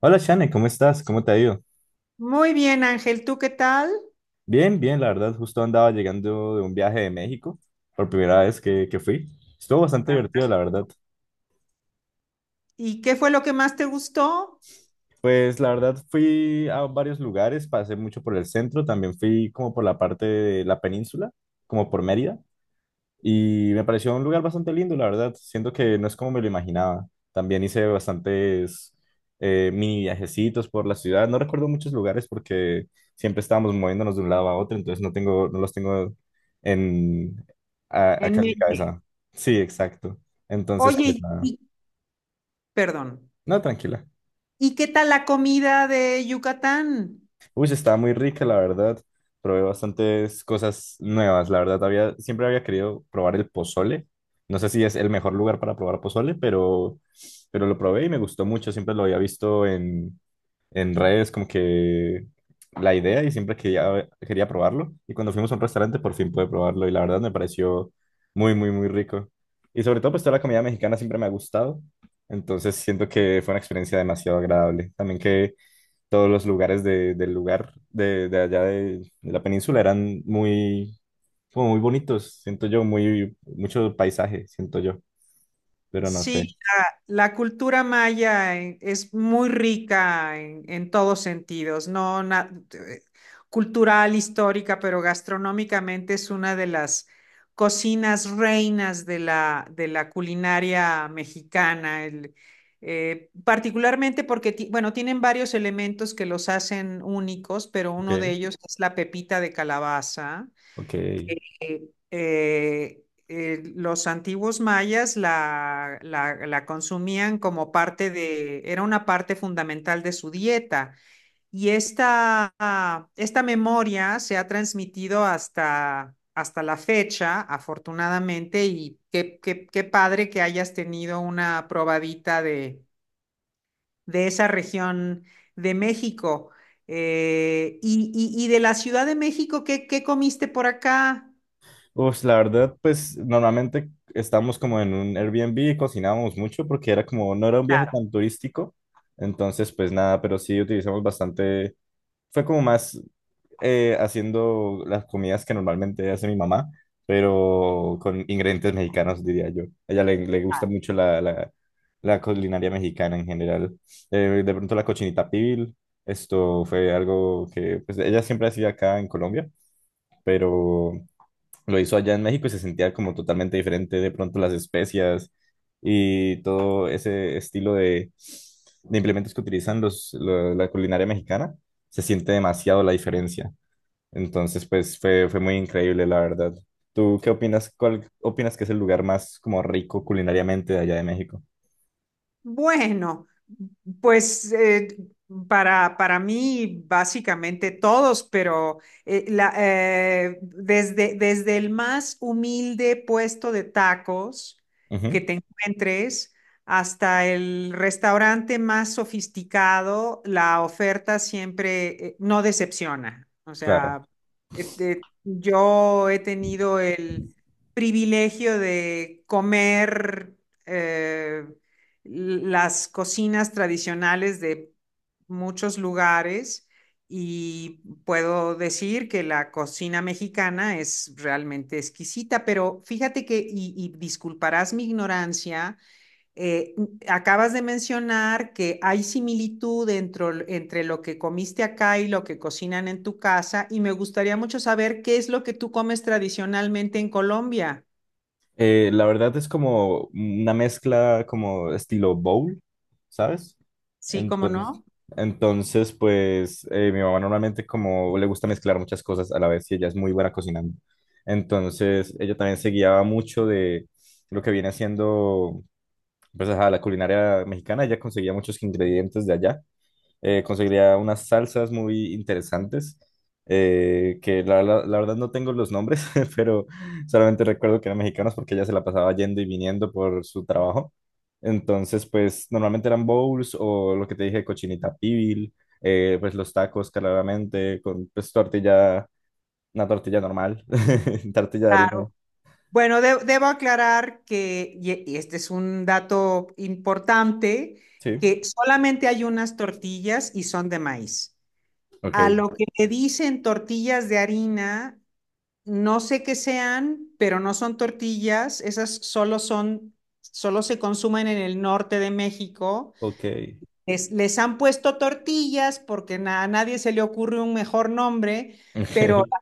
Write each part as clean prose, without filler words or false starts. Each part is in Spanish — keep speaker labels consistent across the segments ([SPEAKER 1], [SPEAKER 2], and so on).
[SPEAKER 1] Hola Shane, ¿cómo estás? ¿Cómo te ha ido?
[SPEAKER 2] Muy bien, Ángel, ¿tú qué tal?
[SPEAKER 1] Bien, bien, la verdad, justo andaba llegando de un viaje de México, por primera vez que fui. Estuvo bastante divertido, la
[SPEAKER 2] Fantástico.
[SPEAKER 1] verdad.
[SPEAKER 2] ¿Y qué fue lo que más te gustó?
[SPEAKER 1] Pues la verdad fui a varios lugares, pasé mucho por el centro, también fui como por la parte de la península, como por Mérida. Y me pareció un lugar bastante lindo, la verdad. Siento que no es como me lo imaginaba. También hice bastantes mini viajecitos por la ciudad. No recuerdo muchos lugares porque siempre estábamos moviéndonos de un lado a otro, entonces no los tengo en,
[SPEAKER 2] En
[SPEAKER 1] acá en mi
[SPEAKER 2] mente.
[SPEAKER 1] cabeza. Sí, exacto. Entonces, pues
[SPEAKER 2] Oye, y-
[SPEAKER 1] nada.
[SPEAKER 2] y- Perdón.
[SPEAKER 1] No, tranquila.
[SPEAKER 2] ¿Y qué tal la comida de Yucatán?
[SPEAKER 1] Uy, está muy rica, la verdad. Probé bastantes cosas nuevas, la verdad. Siempre había querido probar el pozole. No sé si es el mejor lugar para probar pozole, pero lo probé y me gustó mucho. Siempre lo había visto en redes, como que la idea y siempre quería probarlo. Y cuando fuimos a un restaurante, por fin pude probarlo y la verdad me pareció muy, muy, muy rico. Y sobre todo, pues toda la comida mexicana siempre me ha gustado. Entonces siento que fue una experiencia demasiado agradable. También que todos los lugares del lugar de allá de la península eran muy, como muy bonitos, siento yo, muy, mucho paisaje, siento yo, pero no
[SPEAKER 2] Sí,
[SPEAKER 1] sé.
[SPEAKER 2] la cultura maya es muy rica en todos sentidos, no na- cultural, histórica, pero gastronómicamente es una de las cocinas reinas de de la culinaria mexicana, particularmente porque, bueno, tienen varios elementos que los hacen únicos, pero uno de
[SPEAKER 1] Okay.
[SPEAKER 2] ellos es la pepita de calabaza.
[SPEAKER 1] Okay.
[SPEAKER 2] eh, los antiguos mayas la consumían como parte de, era una parte fundamental de su dieta. Y esta, ah, esta memoria se ha transmitido hasta la fecha, afortunadamente, y qué, qué padre que hayas tenido una probadita de esa región de México. Y de la Ciudad de México, ¿qué, qué comiste por acá?
[SPEAKER 1] Pues la verdad, pues normalmente estábamos como en un Airbnb y cocinábamos mucho porque era como, no era un viaje
[SPEAKER 2] Claro.
[SPEAKER 1] tan turístico, entonces pues nada, pero sí utilizamos bastante fue como más haciendo las comidas que normalmente hace mi mamá, pero con ingredientes mexicanos, diría yo. A ella le gusta mucho la culinaria mexicana en general. De pronto la cochinita pibil, esto fue algo que pues, ella siempre hacía acá en Colombia, pero lo hizo allá en México y se sentía como totalmente diferente de pronto las especias y todo ese estilo de implementos que utilizan la culinaria mexicana, se siente demasiado la diferencia. Entonces, fue muy increíble, la verdad. ¿Tú qué opinas? ¿Cuál opinas que es el lugar más como rico culinariamente de allá de México?
[SPEAKER 2] Bueno, pues eh, para mí básicamente todos, pero desde, desde el más humilde puesto de tacos que
[SPEAKER 1] Ujú,
[SPEAKER 2] te encuentres hasta el restaurante más sofisticado, la oferta siempre no decepciona. O
[SPEAKER 1] claro.
[SPEAKER 2] sea, yo he tenido el privilegio de comer. eh, las cocinas tradicionales de muchos lugares, y puedo decir que la cocina mexicana es realmente exquisita, pero fíjate que, y disculparás mi ignorancia, eh, acabas de mencionar que hay similitud entre lo que comiste acá y lo que cocinan en tu casa, y me gustaría mucho saber qué es lo que tú comes tradicionalmente en Colombia.
[SPEAKER 1] La verdad es como una mezcla como estilo bowl, ¿sabes?
[SPEAKER 2] Sí, cómo
[SPEAKER 1] Entonces,
[SPEAKER 2] no.
[SPEAKER 1] entonces pues mi mamá normalmente como le gusta mezclar muchas cosas a la vez y ella es muy buena cocinando. Entonces ella también se guiaba mucho de lo que viene haciendo pues, ajá, la culinaria mexicana. Ella conseguía muchos ingredientes de allá conseguiría unas salsas muy interesantes, que la verdad no tengo los nombres, pero solamente recuerdo que eran mexicanos porque ella se la pasaba yendo y viniendo por su trabajo. Entonces, pues normalmente eran bowls o lo que te dije, cochinita pibil, pues los tacos claramente, con pues tortilla, una tortilla normal, tortilla de harina.
[SPEAKER 2] Claro. Bueno, debo aclarar que, y este es un dato importante,
[SPEAKER 1] Sí,
[SPEAKER 2] que solamente hay unas tortillas y son de maíz. A
[SPEAKER 1] ok,
[SPEAKER 2] lo que le dicen tortillas de harina, no sé qué sean, pero no son tortillas, solo se consumen en el norte de México.
[SPEAKER 1] ok,
[SPEAKER 2] Les han puesto tortillas porque a nadie se le ocurre un mejor nombre, pero
[SPEAKER 1] ok,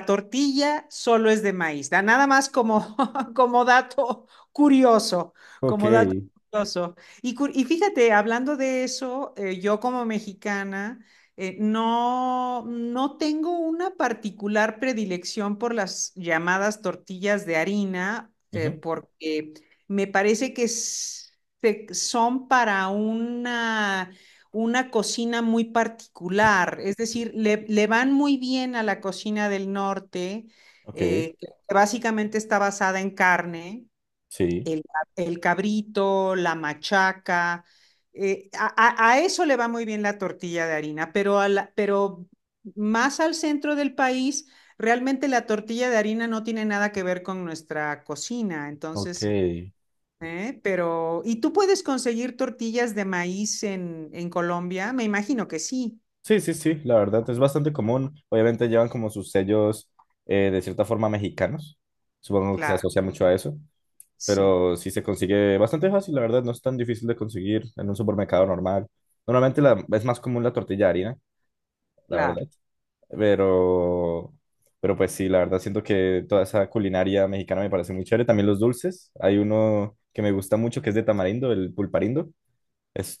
[SPEAKER 2] la tortilla solo es de maíz. Nada más como, como dato curioso,
[SPEAKER 1] ok,
[SPEAKER 2] como dato curioso. Y, y fíjate, hablando de eso, yo como mexicana no, no tengo una particular predilección por las llamadas tortillas de harina,
[SPEAKER 1] ujú,
[SPEAKER 2] porque me parece que es son para una cocina muy particular, es decir, le van muy bien a la cocina del norte,
[SPEAKER 1] ok,
[SPEAKER 2] que básicamente está basada en carne,
[SPEAKER 1] sí,
[SPEAKER 2] el, el cabrito, la machaca. eh, a, a eso le va muy bien la tortilla de harina, pero, pero más al centro del país, realmente la tortilla de harina no tiene nada que ver con nuestra cocina. Entonces,
[SPEAKER 1] ok.
[SPEAKER 2] ¿eh? Pero, ¿y tú puedes conseguir tortillas de maíz en Colombia? Me imagino que sí,
[SPEAKER 1] Sí, sí, sí, la verdad es bastante común. Obviamente llevan como sus sellos de cierta forma mexicanos. Supongo que se
[SPEAKER 2] claro,
[SPEAKER 1] asocia mucho a eso,
[SPEAKER 2] sí,
[SPEAKER 1] pero sí se consigue bastante fácil, la verdad, no es tan difícil de conseguir en un supermercado normal. Normalmente la- es más común la tortilla de harina, la verdad,
[SPEAKER 2] claro.
[SPEAKER 1] pero, pero pues sí, la verdad siento que toda esa culinaria mexicana me parece muy chévere. También los dulces, hay uno que me gusta mucho que es de tamarindo, el pulparindo.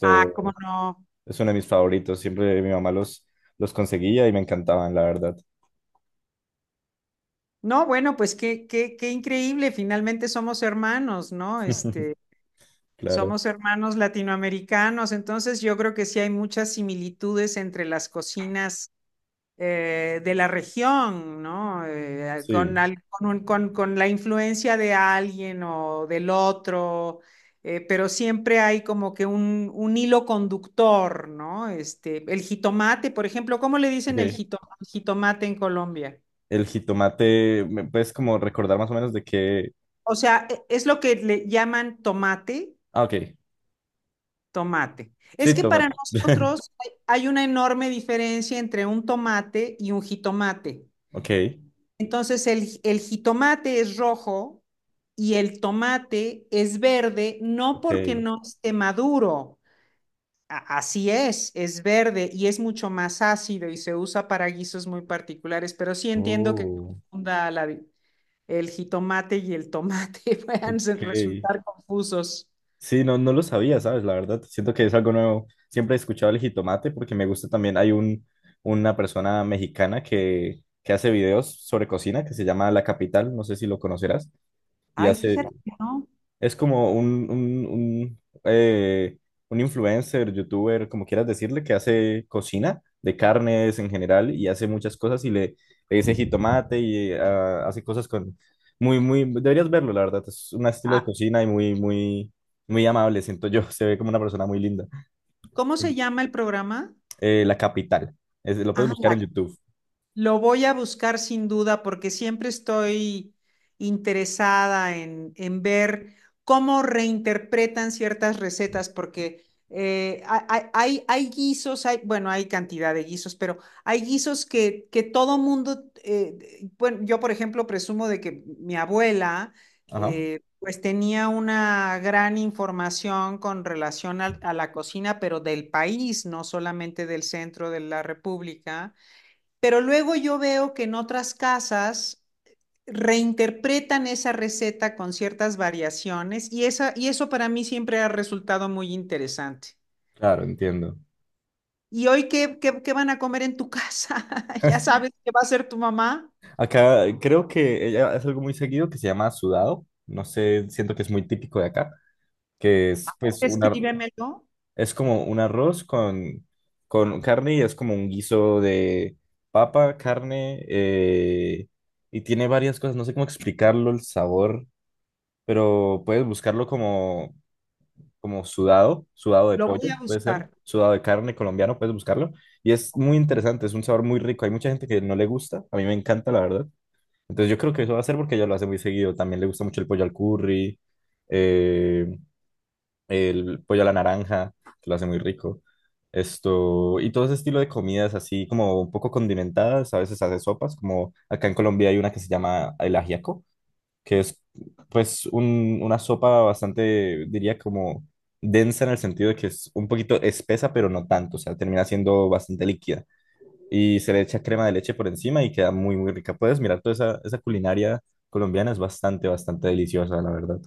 [SPEAKER 2] Ah, ¿cómo no?
[SPEAKER 1] es uno de mis favoritos. Siempre mi mamá los conseguía y me encantaban, la verdad.
[SPEAKER 2] No, bueno, pues qué, qué, qué increíble, finalmente somos hermanos, ¿no? Este,
[SPEAKER 1] Claro.
[SPEAKER 2] somos hermanos latinoamericanos, entonces yo creo que sí hay muchas similitudes entre las cocinas. De la región, ¿no? Con,
[SPEAKER 1] Sí.
[SPEAKER 2] al- con un- con- Con la influencia de alguien o del otro, pero siempre hay como que un hilo conductor, ¿no? Este, el jitomate, por ejemplo, ¿cómo le dicen el
[SPEAKER 1] Ok.
[SPEAKER 2] jitomate en Colombia?
[SPEAKER 1] El jitomate, ¿me puedes como recordar más o menos de qué?
[SPEAKER 2] O sea, es lo que le llaman tomate,
[SPEAKER 1] Ah, ok.
[SPEAKER 2] tomate.
[SPEAKER 1] Sí,
[SPEAKER 2] Es que para
[SPEAKER 1] tomate.
[SPEAKER 2] nosotros hay una enorme diferencia entre un tomate y un jitomate.
[SPEAKER 1] Ok.
[SPEAKER 2] Entonces el jitomate es rojo y el tomate es verde, no porque
[SPEAKER 1] Ok.
[SPEAKER 2] no esté maduro. Así es verde y es mucho más ácido y se usa para guisos muy particulares, pero sí entiendo que
[SPEAKER 1] Oh,
[SPEAKER 2] confunda la el jitomate y el tomate
[SPEAKER 1] ok.
[SPEAKER 2] resultar confusos.
[SPEAKER 1] Sí, no, no lo sabía, ¿sabes? La verdad, siento que es algo nuevo. Siempre he escuchado el jitomate porque me gusta también. Una persona mexicana que hace videos sobre cocina que se llama La Capital, no sé si lo conocerás, y
[SPEAKER 2] Ay,
[SPEAKER 1] hace,
[SPEAKER 2] fíjate, que ¿no?
[SPEAKER 1] es como un un influencer, youtuber, como quieras decirle, que hace cocina de carnes en general y hace muchas cosas y le dice jitomate y hace cosas con... Muy, muy... Deberías verlo, la verdad. Es un estilo de
[SPEAKER 2] Ah,
[SPEAKER 1] cocina y muy, muy, muy amable, siento yo. Se ve como una persona muy linda.
[SPEAKER 2] ¿cómo se llama el programa?
[SPEAKER 1] La Capital. Es- lo puedes
[SPEAKER 2] Ah,
[SPEAKER 1] buscar
[SPEAKER 2] la
[SPEAKER 1] en YouTube.
[SPEAKER 2] Lo voy a buscar sin duda porque siempre estoy interesada en ver cómo reinterpretan ciertas recetas, porque eh, ha- hay, hay guisos, hay, bueno, hay cantidad de guisos, pero hay guisos que todo mundo, bueno, yo por ejemplo presumo de que mi abuela,
[SPEAKER 1] Ajá.
[SPEAKER 2] pues tenía una gran información con relación a la cocina, pero del país, no solamente del centro de la República, pero luego yo veo que en otras casas reinterpretan esa receta con ciertas variaciones y, y eso para mí siempre ha resultado muy interesante.
[SPEAKER 1] Claro, entiendo.
[SPEAKER 2] ¿Y hoy qué, qué, qué van a comer en tu casa? ¿Ya sabes qué va a hacer tu mamá?
[SPEAKER 1] Acá creo que ella hace algo muy seguido que se llama sudado. No sé, siento que es muy típico de acá. Que es pues un
[SPEAKER 2] Escríbemelo,
[SPEAKER 1] es como un arroz con carne y es como un guiso de papa, carne y tiene varias cosas, no sé cómo explicarlo el sabor, pero puedes buscarlo como sudado, sudado de
[SPEAKER 2] lo
[SPEAKER 1] pollo,
[SPEAKER 2] voy a
[SPEAKER 1] puede ser,
[SPEAKER 2] buscar.
[SPEAKER 1] sudado de carne colombiano, puedes buscarlo y es muy interesante, es un sabor muy rico, hay mucha gente que no le gusta, a mí me encanta la verdad. Entonces yo creo que eso va a ser porque ella lo hace muy seguido, también le gusta mucho el pollo al curry. eh, el pollo a la naranja, que lo hace muy rico. Esto, y todo ese estilo de comidas así como un poco condimentadas, a veces hace sopas, como acá en Colombia hay una que se llama el ajiaco, que es pues una sopa bastante, diría como densa en el sentido de que es un poquito espesa, pero no tanto, o sea, termina siendo bastante líquida. Y se le echa crema de leche por encima y queda muy, muy rica. Puedes mirar toda esa culinaria colombiana, es bastante, bastante deliciosa, la verdad.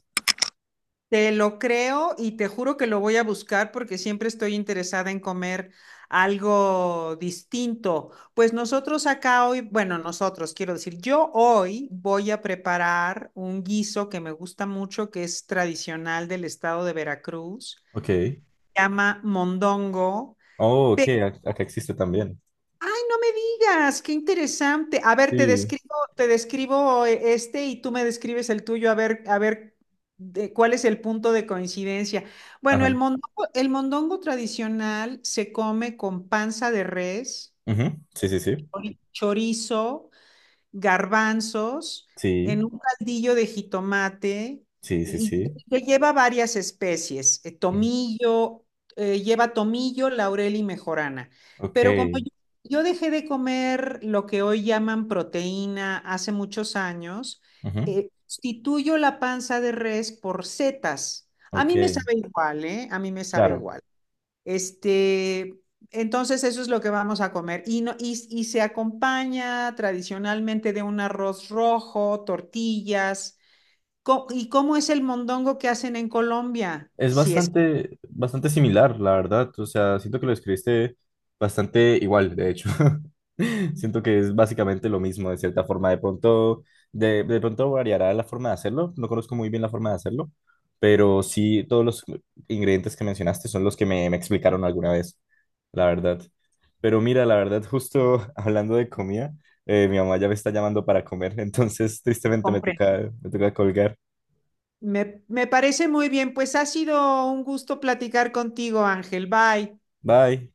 [SPEAKER 2] Te lo creo y te juro que lo voy a buscar porque siempre estoy interesada en comer algo distinto. Pues nosotros acá hoy, bueno, nosotros quiero decir, yo hoy voy a preparar un guiso que me gusta mucho, que es tradicional del estado de Veracruz,
[SPEAKER 1] Ok.
[SPEAKER 2] se llama mondongo.
[SPEAKER 1] Oh, ok, a- acá existe también.
[SPEAKER 2] No me digas, qué interesante. A ver,
[SPEAKER 1] Sí.
[SPEAKER 2] te describo este, y tú me describes el tuyo, a ver de cuál es el punto de coincidencia. Bueno,
[SPEAKER 1] Ajá.
[SPEAKER 2] el mondongo tradicional se come con panza de res,
[SPEAKER 1] Ujú. Sí, sí, sí.
[SPEAKER 2] chorizo, garbanzos
[SPEAKER 1] Sí,
[SPEAKER 2] en un caldillo de jitomate
[SPEAKER 1] sí, sí,
[SPEAKER 2] y
[SPEAKER 1] sí.
[SPEAKER 2] que lleva varias especies,
[SPEAKER 1] Ujú.
[SPEAKER 2] lleva tomillo, laurel y mejorana.
[SPEAKER 1] Ok.
[SPEAKER 2] Pero como yo dejé de comer lo que hoy llaman proteína hace muchos años,
[SPEAKER 1] Ujú.
[SPEAKER 2] sustituyo la panza de res por setas. A
[SPEAKER 1] Ok.
[SPEAKER 2] mí me sabe igual, ¿eh? A mí me sabe
[SPEAKER 1] Claro.
[SPEAKER 2] igual. Este, entonces eso es lo que vamos a comer. Y, no, y se acompaña tradicionalmente de un arroz rojo, tortillas. ¿Y cómo es el mondongo que hacen en Colombia?
[SPEAKER 1] Es
[SPEAKER 2] Si es que
[SPEAKER 1] bastante, bastante similar, la verdad. O sea, siento que lo escribiste bastante igual, de hecho. Siento que es básicamente lo mismo, de cierta forma. De pronto variará la forma de hacerlo. No conozco muy bien la forma de hacerlo, pero sí todos los ingredientes que mencionaste son los que me explicaron alguna vez, la verdad. Pero mira, la verdad, justo hablando de comida, mi mamá ya me está llamando para comer, entonces tristemente
[SPEAKER 2] compren.
[SPEAKER 1] me toca colgar.
[SPEAKER 2] Me parece muy bien. Pues ha sido un gusto platicar contigo, Ángel. Bye.
[SPEAKER 1] Bye.